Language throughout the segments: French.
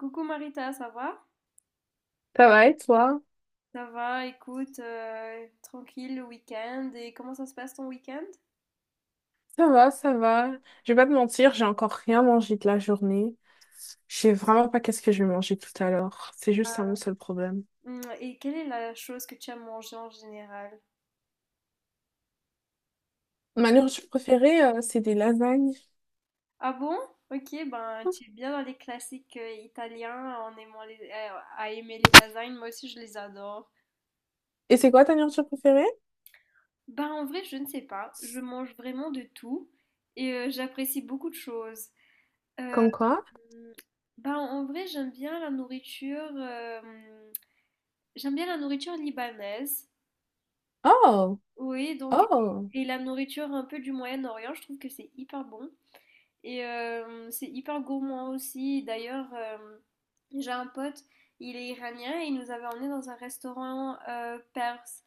Coucou Marita, ça va? Ça va et toi? Ça va, écoute, tranquille le week-end. Et comment ça se passe ton week-end? Ça va, ça va. Je vais pas te mentir, j'ai encore rien mangé de la journée. Je sais vraiment pas qu'est-ce que je vais manger tout à l'heure. C'est juste ça mon seul problème. Et quelle est la chose que tu as mangée en général? Ma nourriture préférée, c'est des lasagnes. Ah bon? Ok, ben tu es bien dans les classiques italiens en aimant à aimer les lasagnes. Moi aussi, je les adore. Et c'est quoi ta nourriture préférée? Ben en vrai, je ne sais pas. Je mange vraiment de tout et j'apprécie beaucoup de choses. Euh, Comme quoi? hum, ben en vrai, j'aime bien la nourriture. J'aime bien la nourriture libanaise. Oh, Oui, donc, oh, et la nourriture un peu du Moyen-Orient, je trouve que c'est hyper bon. Et c'est hyper gourmand aussi. D'ailleurs, j'ai un pote, il est iranien et il nous avait emmené dans un restaurant perse.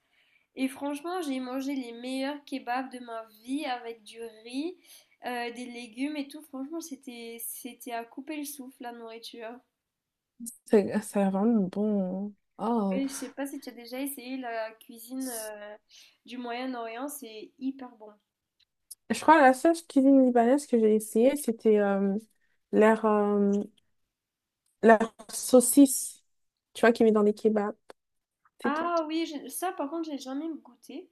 Et franchement, j'ai mangé les meilleurs kebabs de ma vie avec du riz, des légumes et tout. Franchement, c'était à couper le souffle, la nourriture. c'est ça a l'air vraiment bon. Hein. Oh, Et je sais pas si tu as déjà essayé la cuisine du Moyen-Orient, c'est hyper bon. je crois que la seule cuisine libanaise que j'ai essayée, c'était leur, euh, leur saucisse, tu vois, qu'ils mettent dans des kebabs, c'est tout. Ah oui, ça par contre, j'ai jamais goûté.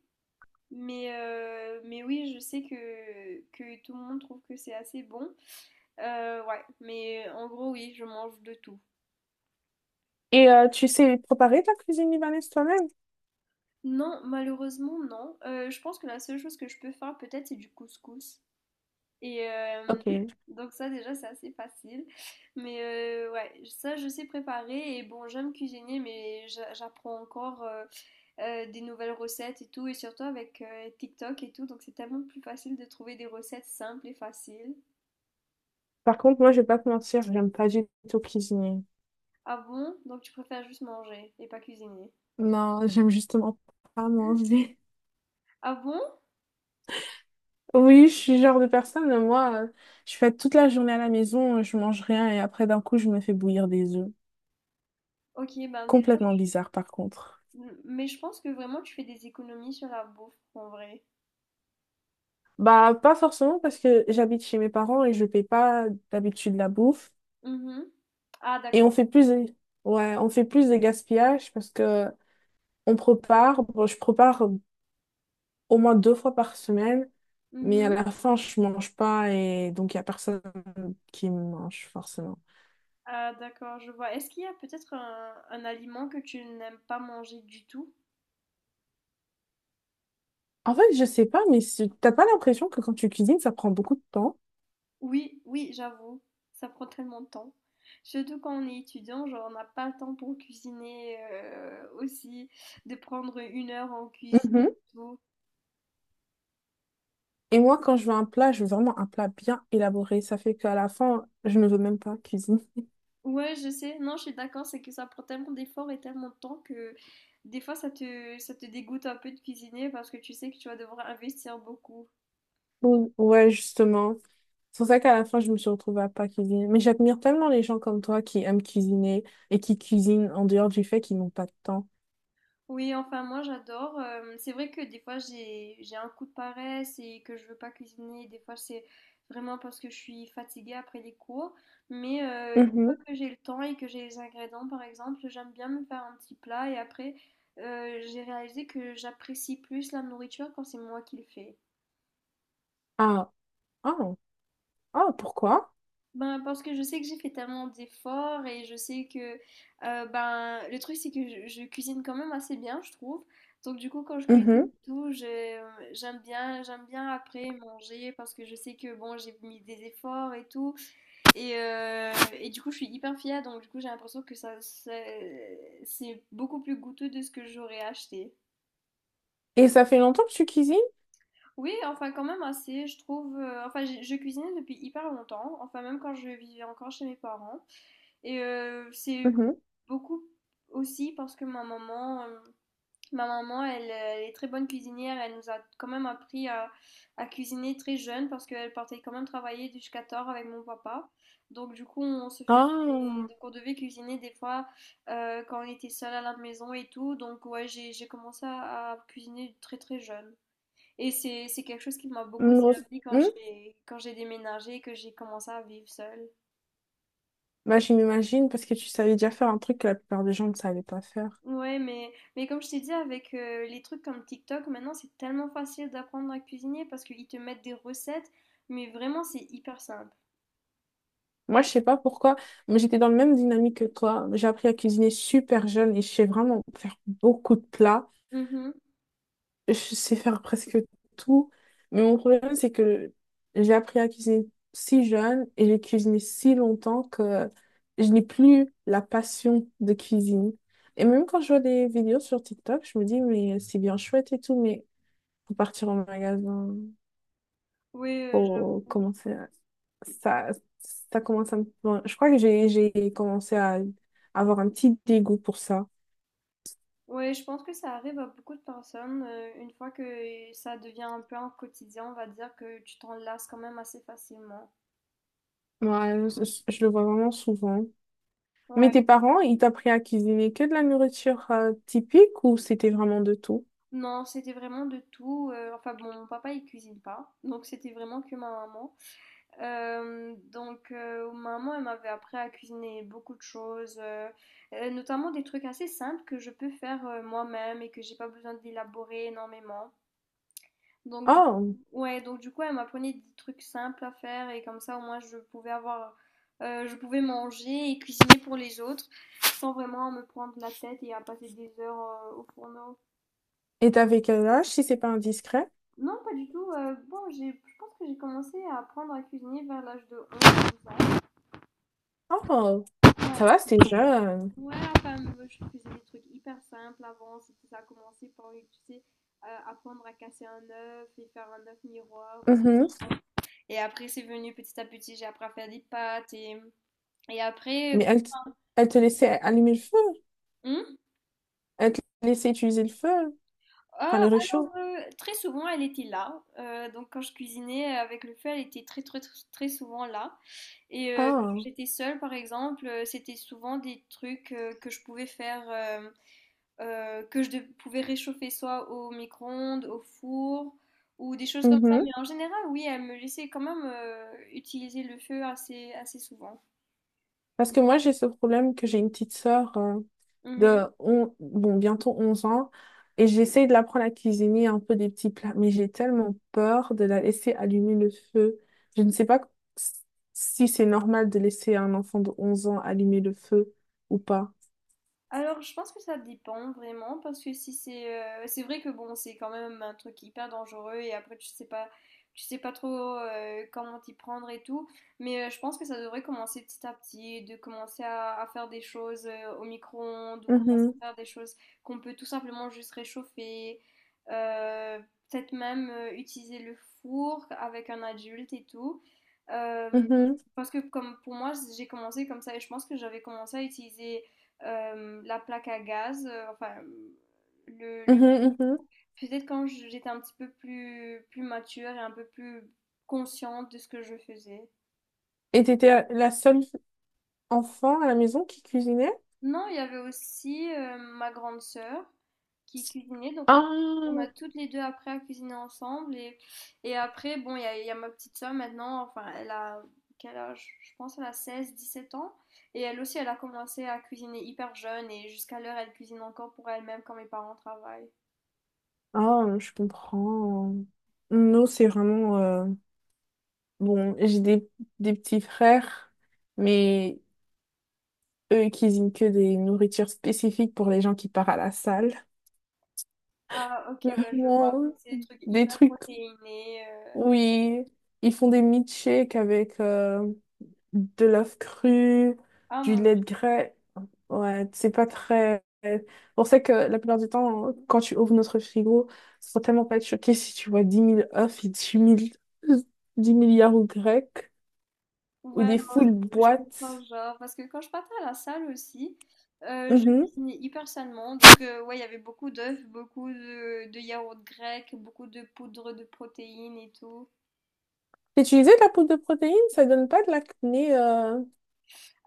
Mais oui, je sais que tout le monde trouve que c'est assez bon. Ouais, mais en gros, oui, je mange de tout. Et tu sais préparer ta cuisine libanaise toi-même? Non, malheureusement, non. Je pense que la seule chose que je peux faire, peut-être, c'est du couscous. Et Ok. donc, ça, déjà, c'est assez facile. Mais ouais, ça, je sais préparer. Et bon, j'aime cuisiner, mais j'apprends encore. Des nouvelles recettes et tout, et surtout avec TikTok et tout, donc c'est tellement plus facile de trouver des recettes simples et faciles. Par contre, moi, je vais pas te mentir, j'aime pas du tout cuisiner. Ah bon? Donc tu préfères juste manger et pas cuisiner. Non, j'aime justement pas manger. Ah bon? Oui, je suis le genre de personne, je fais toute la journée à la maison, je mange rien et après, d'un coup, je me fais bouillir des œufs. Ok, ben déjà, Complètement bizarre, par contre. Mais je pense que vraiment tu fais des économies sur la bouffe en vrai. Bah, pas forcément parce que j'habite chez mes parents et je paye pas d'habitude la bouffe. Mhm. Ah Et d'accord. on fait plus de... ouais, on fait plus de gaspillage parce que je prépare au moins deux fois par semaine, mais à Mhm. la fin, je mange pas et donc il y a personne qui me mange forcément. Ah d'accord, je vois. Est-ce qu'il y a peut-être un aliment que tu n'aimes pas manger du tout? En fait, je sais pas, mais t'as pas l'impression que quand tu cuisines, ça prend beaucoup de temps? Oui, oui, j'avoue, ça prend tellement de temps. Surtout quand on est étudiant, genre on n'a pas le temps pour cuisiner aussi, de prendre 1 heure en cuisine Mhm. et tout. Et moi, quand je veux un plat, je veux vraiment un plat bien élaboré. Ça fait qu'à la fin, je ne veux même pas cuisiner. Ouais, je sais, non, je suis d'accord, c'est que ça prend tellement d'efforts et tellement de temps que des fois ça te dégoûte un peu de cuisiner parce que tu sais que tu vas devoir investir beaucoup. Bon, ouais, justement. C'est pour ça qu'à la fin, je me suis retrouvée à pas cuisiner. Mais j'admire tellement les gens comme toi qui aiment cuisiner et qui cuisinent en dehors du fait qu'ils n'ont pas de temps. Oui, enfin moi j'adore. C'est vrai que des fois j'ai un coup de paresse et que je veux pas cuisiner. Des fois c'est vraiment parce que je suis fatiguée après les cours. Mais une fois Mhm. que j'ai le temps et que j'ai les ingrédients par exemple, j'aime bien me faire un petit plat et après j'ai réalisé que j'apprécie plus la nourriture quand c'est moi qui le fais. Ah, ah, ah, pourquoi? Ben, parce que je sais que j'ai fait tellement d'efforts et je sais que ben le truc c'est que je cuisine quand même assez bien, je trouve. Donc du coup quand je cuisine Mhm. et tout, j'aime bien après manger parce que je sais que bon, j'ai mis des efforts et tout et, euh, et du coup je suis hyper fière donc du coup j'ai l'impression que ça c'est beaucoup plus goûteux de ce que j'aurais acheté. Et ça fait longtemps que tu cuisines? Oui, enfin quand même assez, je trouve. Enfin, je cuisinais depuis hyper longtemps, enfin même quand je vivais encore chez mes parents. Et c'est Mhm. beaucoup aussi parce que ma maman, elle est très bonne cuisinière. Elle nous a quand même appris à cuisiner très jeune parce qu'elle partait quand même travailler jusqu'à tard avec mon papa. Donc du coup, on se fait des- Ah, donc on devait cuisiner des fois quand on était seul à la maison et tout. Donc ouais, j'ai commencé à cuisiner très très jeune. Et c'est quelque chose qui m'a beaucoup une grosse- servi quand Hmm. j'ai quand j'ai déménagé et que j'ai commencé à vivre seule. Bah, je m'imagine parce que tu savais déjà faire un truc que la plupart des gens ne savaient pas faire. Ouais, mais comme je t'ai dit, avec les trucs comme TikTok, maintenant c'est tellement facile d'apprendre à cuisiner parce qu'ils te mettent des recettes, mais vraiment c'est hyper simple. Moi, je sais pas pourquoi, mais j'étais dans la même dynamique que toi. J'ai appris à cuisiner super jeune et je sais vraiment faire beaucoup de plats. Mhm. Je sais faire presque tout. Mais mon problème, c'est que j'ai appris à cuisiner si jeune et j'ai cuisiné si longtemps que je n'ai plus la passion de cuisine. Et même quand je vois des vidéos sur TikTok, je me dis, mais c'est bien chouette et tout, mais faut partir en magasin. Ouais, faut j'avoue. commencer à- ça ça commence à me... Bon, je crois que j'ai commencé à avoir un petit dégoût pour ça. Ouais, je pense que ça arrive à beaucoup de personnes. Une fois que ça devient un peu un quotidien, on va dire que tu t'en lasses quand même assez facilement. Ouais, je le vois vraiment souvent, mais Ouais, tes parents ils t'apprennent à cuisiner que de la nourriture typique ou c'était vraiment de tout? non, c'était vraiment de tout. Enfin bon, mon papa il cuisine pas, donc c'était vraiment que ma maman. Donc maman, elle m'avait appris à cuisiner beaucoup de choses, notamment des trucs assez simples que je peux faire, moi-même et que j'ai pas besoin d'élaborer énormément. Donc du Oh, Ouais, donc du coup, elle m'apprenait des trucs simples à faire et comme ça, au moins, je pouvais avoir, je pouvais manger et cuisiner pour les autres sans vraiment me prendre la tête et à passer des heures, au fourneau. et t'avais quel âge, si c'est pas indiscret? Non, pas du tout, bon, j'ai je pense que j'ai commencé à apprendre à cuisiner vers l'âge de 11-12 ans. Oh, ça Ouais. va, c'était jeune. Ouais, enfin, moi, je faisais des trucs hyper simples avant. C'était Ça a commencé par, tu sais, apprendre à casser un œuf et faire un œuf miroir. Mhm. Et après, c'est venu petit à petit. J'ai appris à faire des pâtes. Et après, Mais elle te laissait allumer le feu? Hum? Elle te laissait utiliser le feu, enfin Ah, le alors, réchaud? euh, très souvent, elle était là. Donc, quand je cuisinais avec le feu, elle était très, très, très très souvent là. Et quand Ah. j'étais seule, par exemple, c'était souvent des trucs que je pouvais faire. Que je pouvais réchauffer soit au micro-ondes, au four ou des choses comme ça. Mhm. Mais en général, oui, elle me laissait quand même utiliser le feu assez, assez souvent. Parce que moi, j'ai ce problème que j'ai une petite sœur de Mhm. Bientôt 11 ans et j'essaye de l'apprendre à cuisiner un peu des petits plats, mais j'ai tellement peur de la laisser allumer le feu. Je ne sais pas si c'est normal de laisser un enfant de 11 ans allumer le feu ou pas. Alors, je pense que ça dépend vraiment, parce que si c'est, c'est vrai que bon, c'est quand même un truc hyper dangereux et après tu sais pas, trop comment t'y prendre et tout. Mais je pense que ça devrait commencer petit à petit, de commencer à faire des choses au micro-ondes ou commencer Mhm, à faire des choses qu'on peut tout simplement juste réchauffer. euh, Peut-être même utiliser le four avec un adulte et tout. Euh, mhm, Parce que comme pour moi, j'ai commencé comme ça et je pense que j'avais commencé à utiliser la plaque à gaz, enfin le mhm. peut-être quand j'étais un petit peu plus mature et un peu plus consciente de ce que je faisais. Et t'étais la seule enfant à la maison qui cuisinait? Non, il y avait aussi ma grande sœur qui cuisinait, donc on a Ah. toutes les deux après à cuisiner ensemble et après bon, il y a ma petite sœur maintenant, enfin elle a quel âge? Je pense elle a 16-17 ans et elle aussi elle a commencé à cuisiner hyper jeune et jusqu'à l'heure elle cuisine encore pour elle-même quand mes parents travaillent. Ah, je comprends. Nous, c'est vraiment... Bon, j'ai des, des petits frères, mais eux, ils cuisinent que des nourritures spécifiques pour les gens qui partent à la salle. Ah OK, ouais, je vois. Vraiment, Donc c'est des trucs des hyper trucs, protéinés, heu. oui, ils font des milkshakes avec de l'œuf cru, Ah du mon lait de Dieu. grès. Ouais, c'est pas très... On sait que la plupart du temps, quand tu ouvres notre frigo, faut tellement pas être choqué si tu vois 10 000 œufs et 10 milliards ou grecs, ou Ouais, des non, full je comprends boîtes. genre parce que quand je partais à la salle aussi, je Mhm. cuisinais hyper sainement donc ouais, il y avait beaucoup d'œufs, beaucoup de yaourts grecs, beaucoup de poudre de protéines et tout. Utiliser de la poudre de protéines, ça donne pas de l'acné.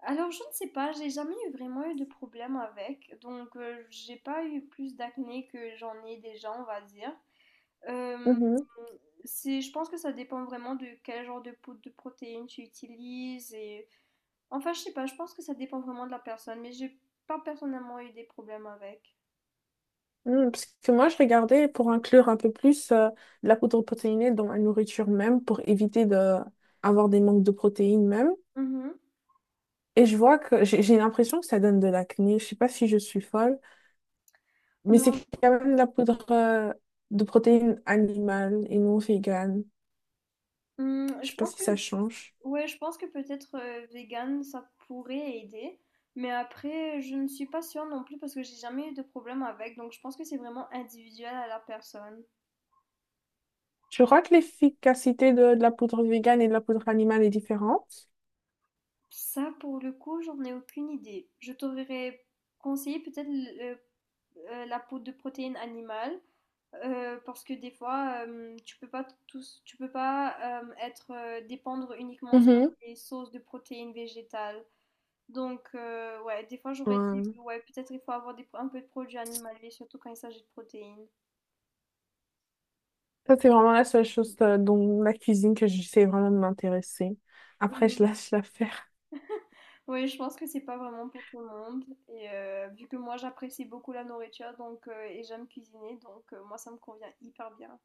Alors je ne sais pas, j'ai jamais eu vraiment eu de problème avec donc j'ai pas eu plus d'acné que j'en ai déjà, on va dire. Euh, Mhm. Je pense que ça dépend vraiment de quel genre de poudre de protéines tu utilises et enfin je sais pas, je pense que ça dépend vraiment de la personne, mais j'ai pas personnellement eu des problèmes avec. Mm, parce que moi, je regardais pour inclure un peu plus de la poudre protéinée dans la nourriture même, pour éviter de avoir des manques de protéines même. Mhm. Et je vois que j'ai l'impression que ça donne de l'acné. Je sais pas si je suis folle, mais c'est Mais quand même de la poudre de protéines animales et non végane. en- hum, Je sais je pas pense si que ça change. ouais, je pense que peut-être vegan ça pourrait aider, mais après je ne suis pas sûre non plus parce que j'ai jamais eu de problème avec, donc je pense que c'est vraiment individuel à la personne. Je crois que l'efficacité de la poudre végane et de la poudre animale est différente. Ça pour le coup, j'en ai aucune idée. Je t'aurais conseillé peut-être la poudre de protéines animales parce que des fois tu peux pas être dépendre uniquement sur Mhm. des sources de protéines végétales. Donc ouais, des fois j'aurais Ouais. dit ouais peut-être il faut avoir un peu de produits animaliers surtout quand il s'agit de protéines. Ça, c'est vraiment la seule chose dont la cuisine que j'essaie vraiment de m'intéresser. Après, je Mhm. lâche l'affaire. Oui, je pense que c'est pas vraiment pour tout le monde et vu que moi j'apprécie beaucoup la nourriture donc et j'aime cuisiner donc moi ça me convient hyper bien.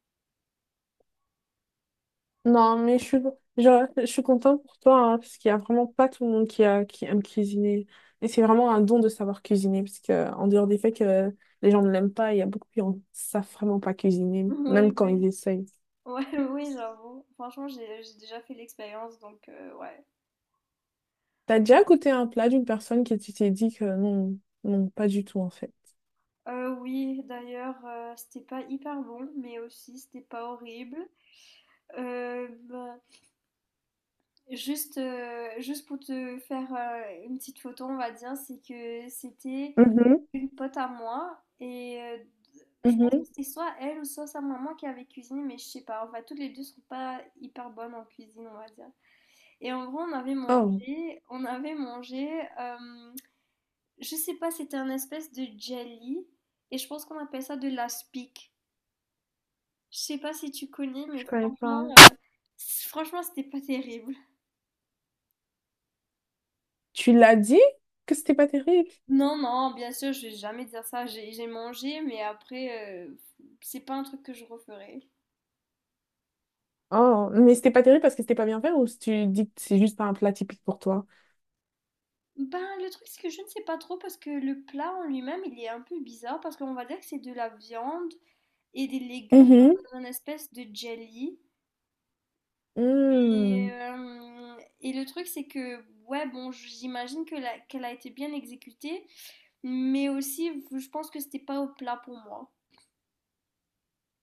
Non, mais je suis contente pour toi, hein, parce qu'il n'y a vraiment pas tout le monde qui aime cuisiner. Et c'est vraiment un don de savoir cuisiner, parce que, en dehors des faits que les gens ne l'aiment pas, il y a beaucoup qui ne savent vraiment pas cuisiner, même Oui, quand ils oui. essayent. Ouais, oui, j'avoue. Franchement, j'ai déjà fait l'expérience, donc ouais. T'as déjà goûté un plat d'une personne qui tu t'es dit que non, non, pas du tout, en fait? Oui, d'ailleurs, c'était pas hyper bon, mais aussi c'était pas horrible. Bah, juste pour te faire une petite photo, on va dire, c'est que c'était Mhm, une pote à moi et je pense que mhm. c'était soit elle ou soit sa maman qui avait cuisiné, mais je sais pas. Enfin, toutes les deux sont pas hyper bonnes en cuisine, on va dire. Et en gros, on avait Oh. mangé, on avait mangé. euh, je sais pas, c'était un espèce de jelly et je pense qu'on appelle ça de l'aspic. Je sais pas si tu connais, mais Je connais pas. franchement, franchement, c'était pas terrible. Tu l'as dit que c'était pas terrible. Non, non, bien sûr, je vais jamais dire ça. J'ai mangé, mais après, c'est pas un truc que je referai. Oh, mais c'était pas terrible parce que c'était pas bien fait, ou si tu dis que c'est juste pas un plat typique pour toi? Ben, le truc, c'est que je ne sais pas trop parce que le plat en lui-même, il est un peu bizarre parce qu'on va dire que c'est de la viande et des légumes Mhm. dans un espèce de jelly. Et, Hmm, euh, et le truc, c'est que, ouais, bon, j'imagine que qu'elle a été bien exécutée, mais aussi, je pense que c'était pas au plat pour moi.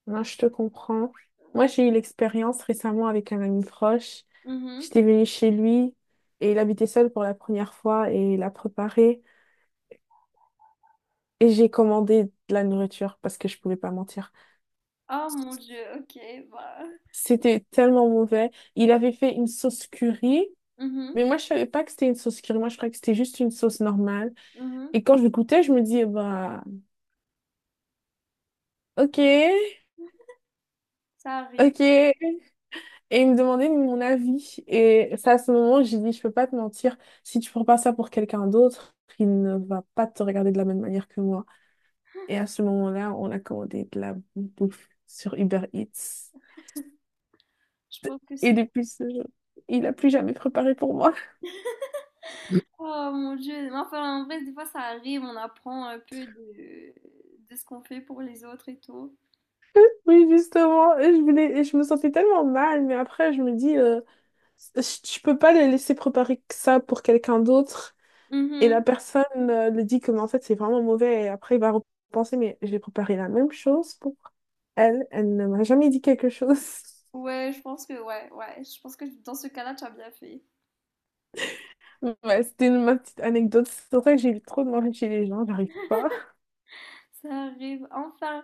moi, je te comprends. Moi, Ouais. j'ai eu l'expérience récemment avec un ami proche. Mhm. J'étais venue chez lui et il habitait seul pour la première fois et il a préparé et j'ai commandé de la nourriture parce que je pouvais pas mentir. Oh mon Dieu, ok, bah. C'était tellement mauvais. Il avait fait une sauce curry, Mhm, mais moi, je savais pas que c'était une sauce curry. Moi, je croyais que c'était juste une sauce normale. mhm, Et quand je l'écoutais, je me dis, bah, ok, ça arrive. ok. Et il me demandait mon avis. Et c'est à ce moment, j'ai dit, je peux pas te mentir. Si tu prends pas ça pour quelqu'un d'autre, il ne va pas te regarder de la même manière que moi. Et à ce moment-là, on a commandé de la bouffe sur Uber Eats. Je pense que Et c'est. depuis ce jour, il a plus jamais préparé pour moi. Oh mon Dieu. Mais enfin, en vrai, des fois, ça arrive. On apprend un peu de ce qu'on fait pour les autres et tout. Oui, justement, et je voulais, et je me sentais tellement mal, mais après, je me dis, je peux pas le laisser préparer que ça pour quelqu'un d'autre. Et la Mhm. personne lui dit que mais en fait c'est vraiment mauvais et après il va repenser mais j'ai préparé la même chose pour elle, elle ne m'a jamais dit quelque chose. Ouais, je pense que, ouais, ouais. Je pense que dans ce cas-là, tu as bien fait. Ouais, ma petite anecdote. C'est vrai que j'ai eu trop de manger chez les gens, j'arrive pas. Ça arrive. Enfin,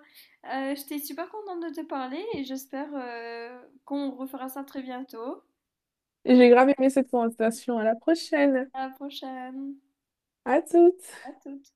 j'étais super contente de te parler et j'espère qu'on refera ça très bientôt. J'ai grave aimé cette conversation. À la prochaine. À la prochaine. À toutes. À toutes.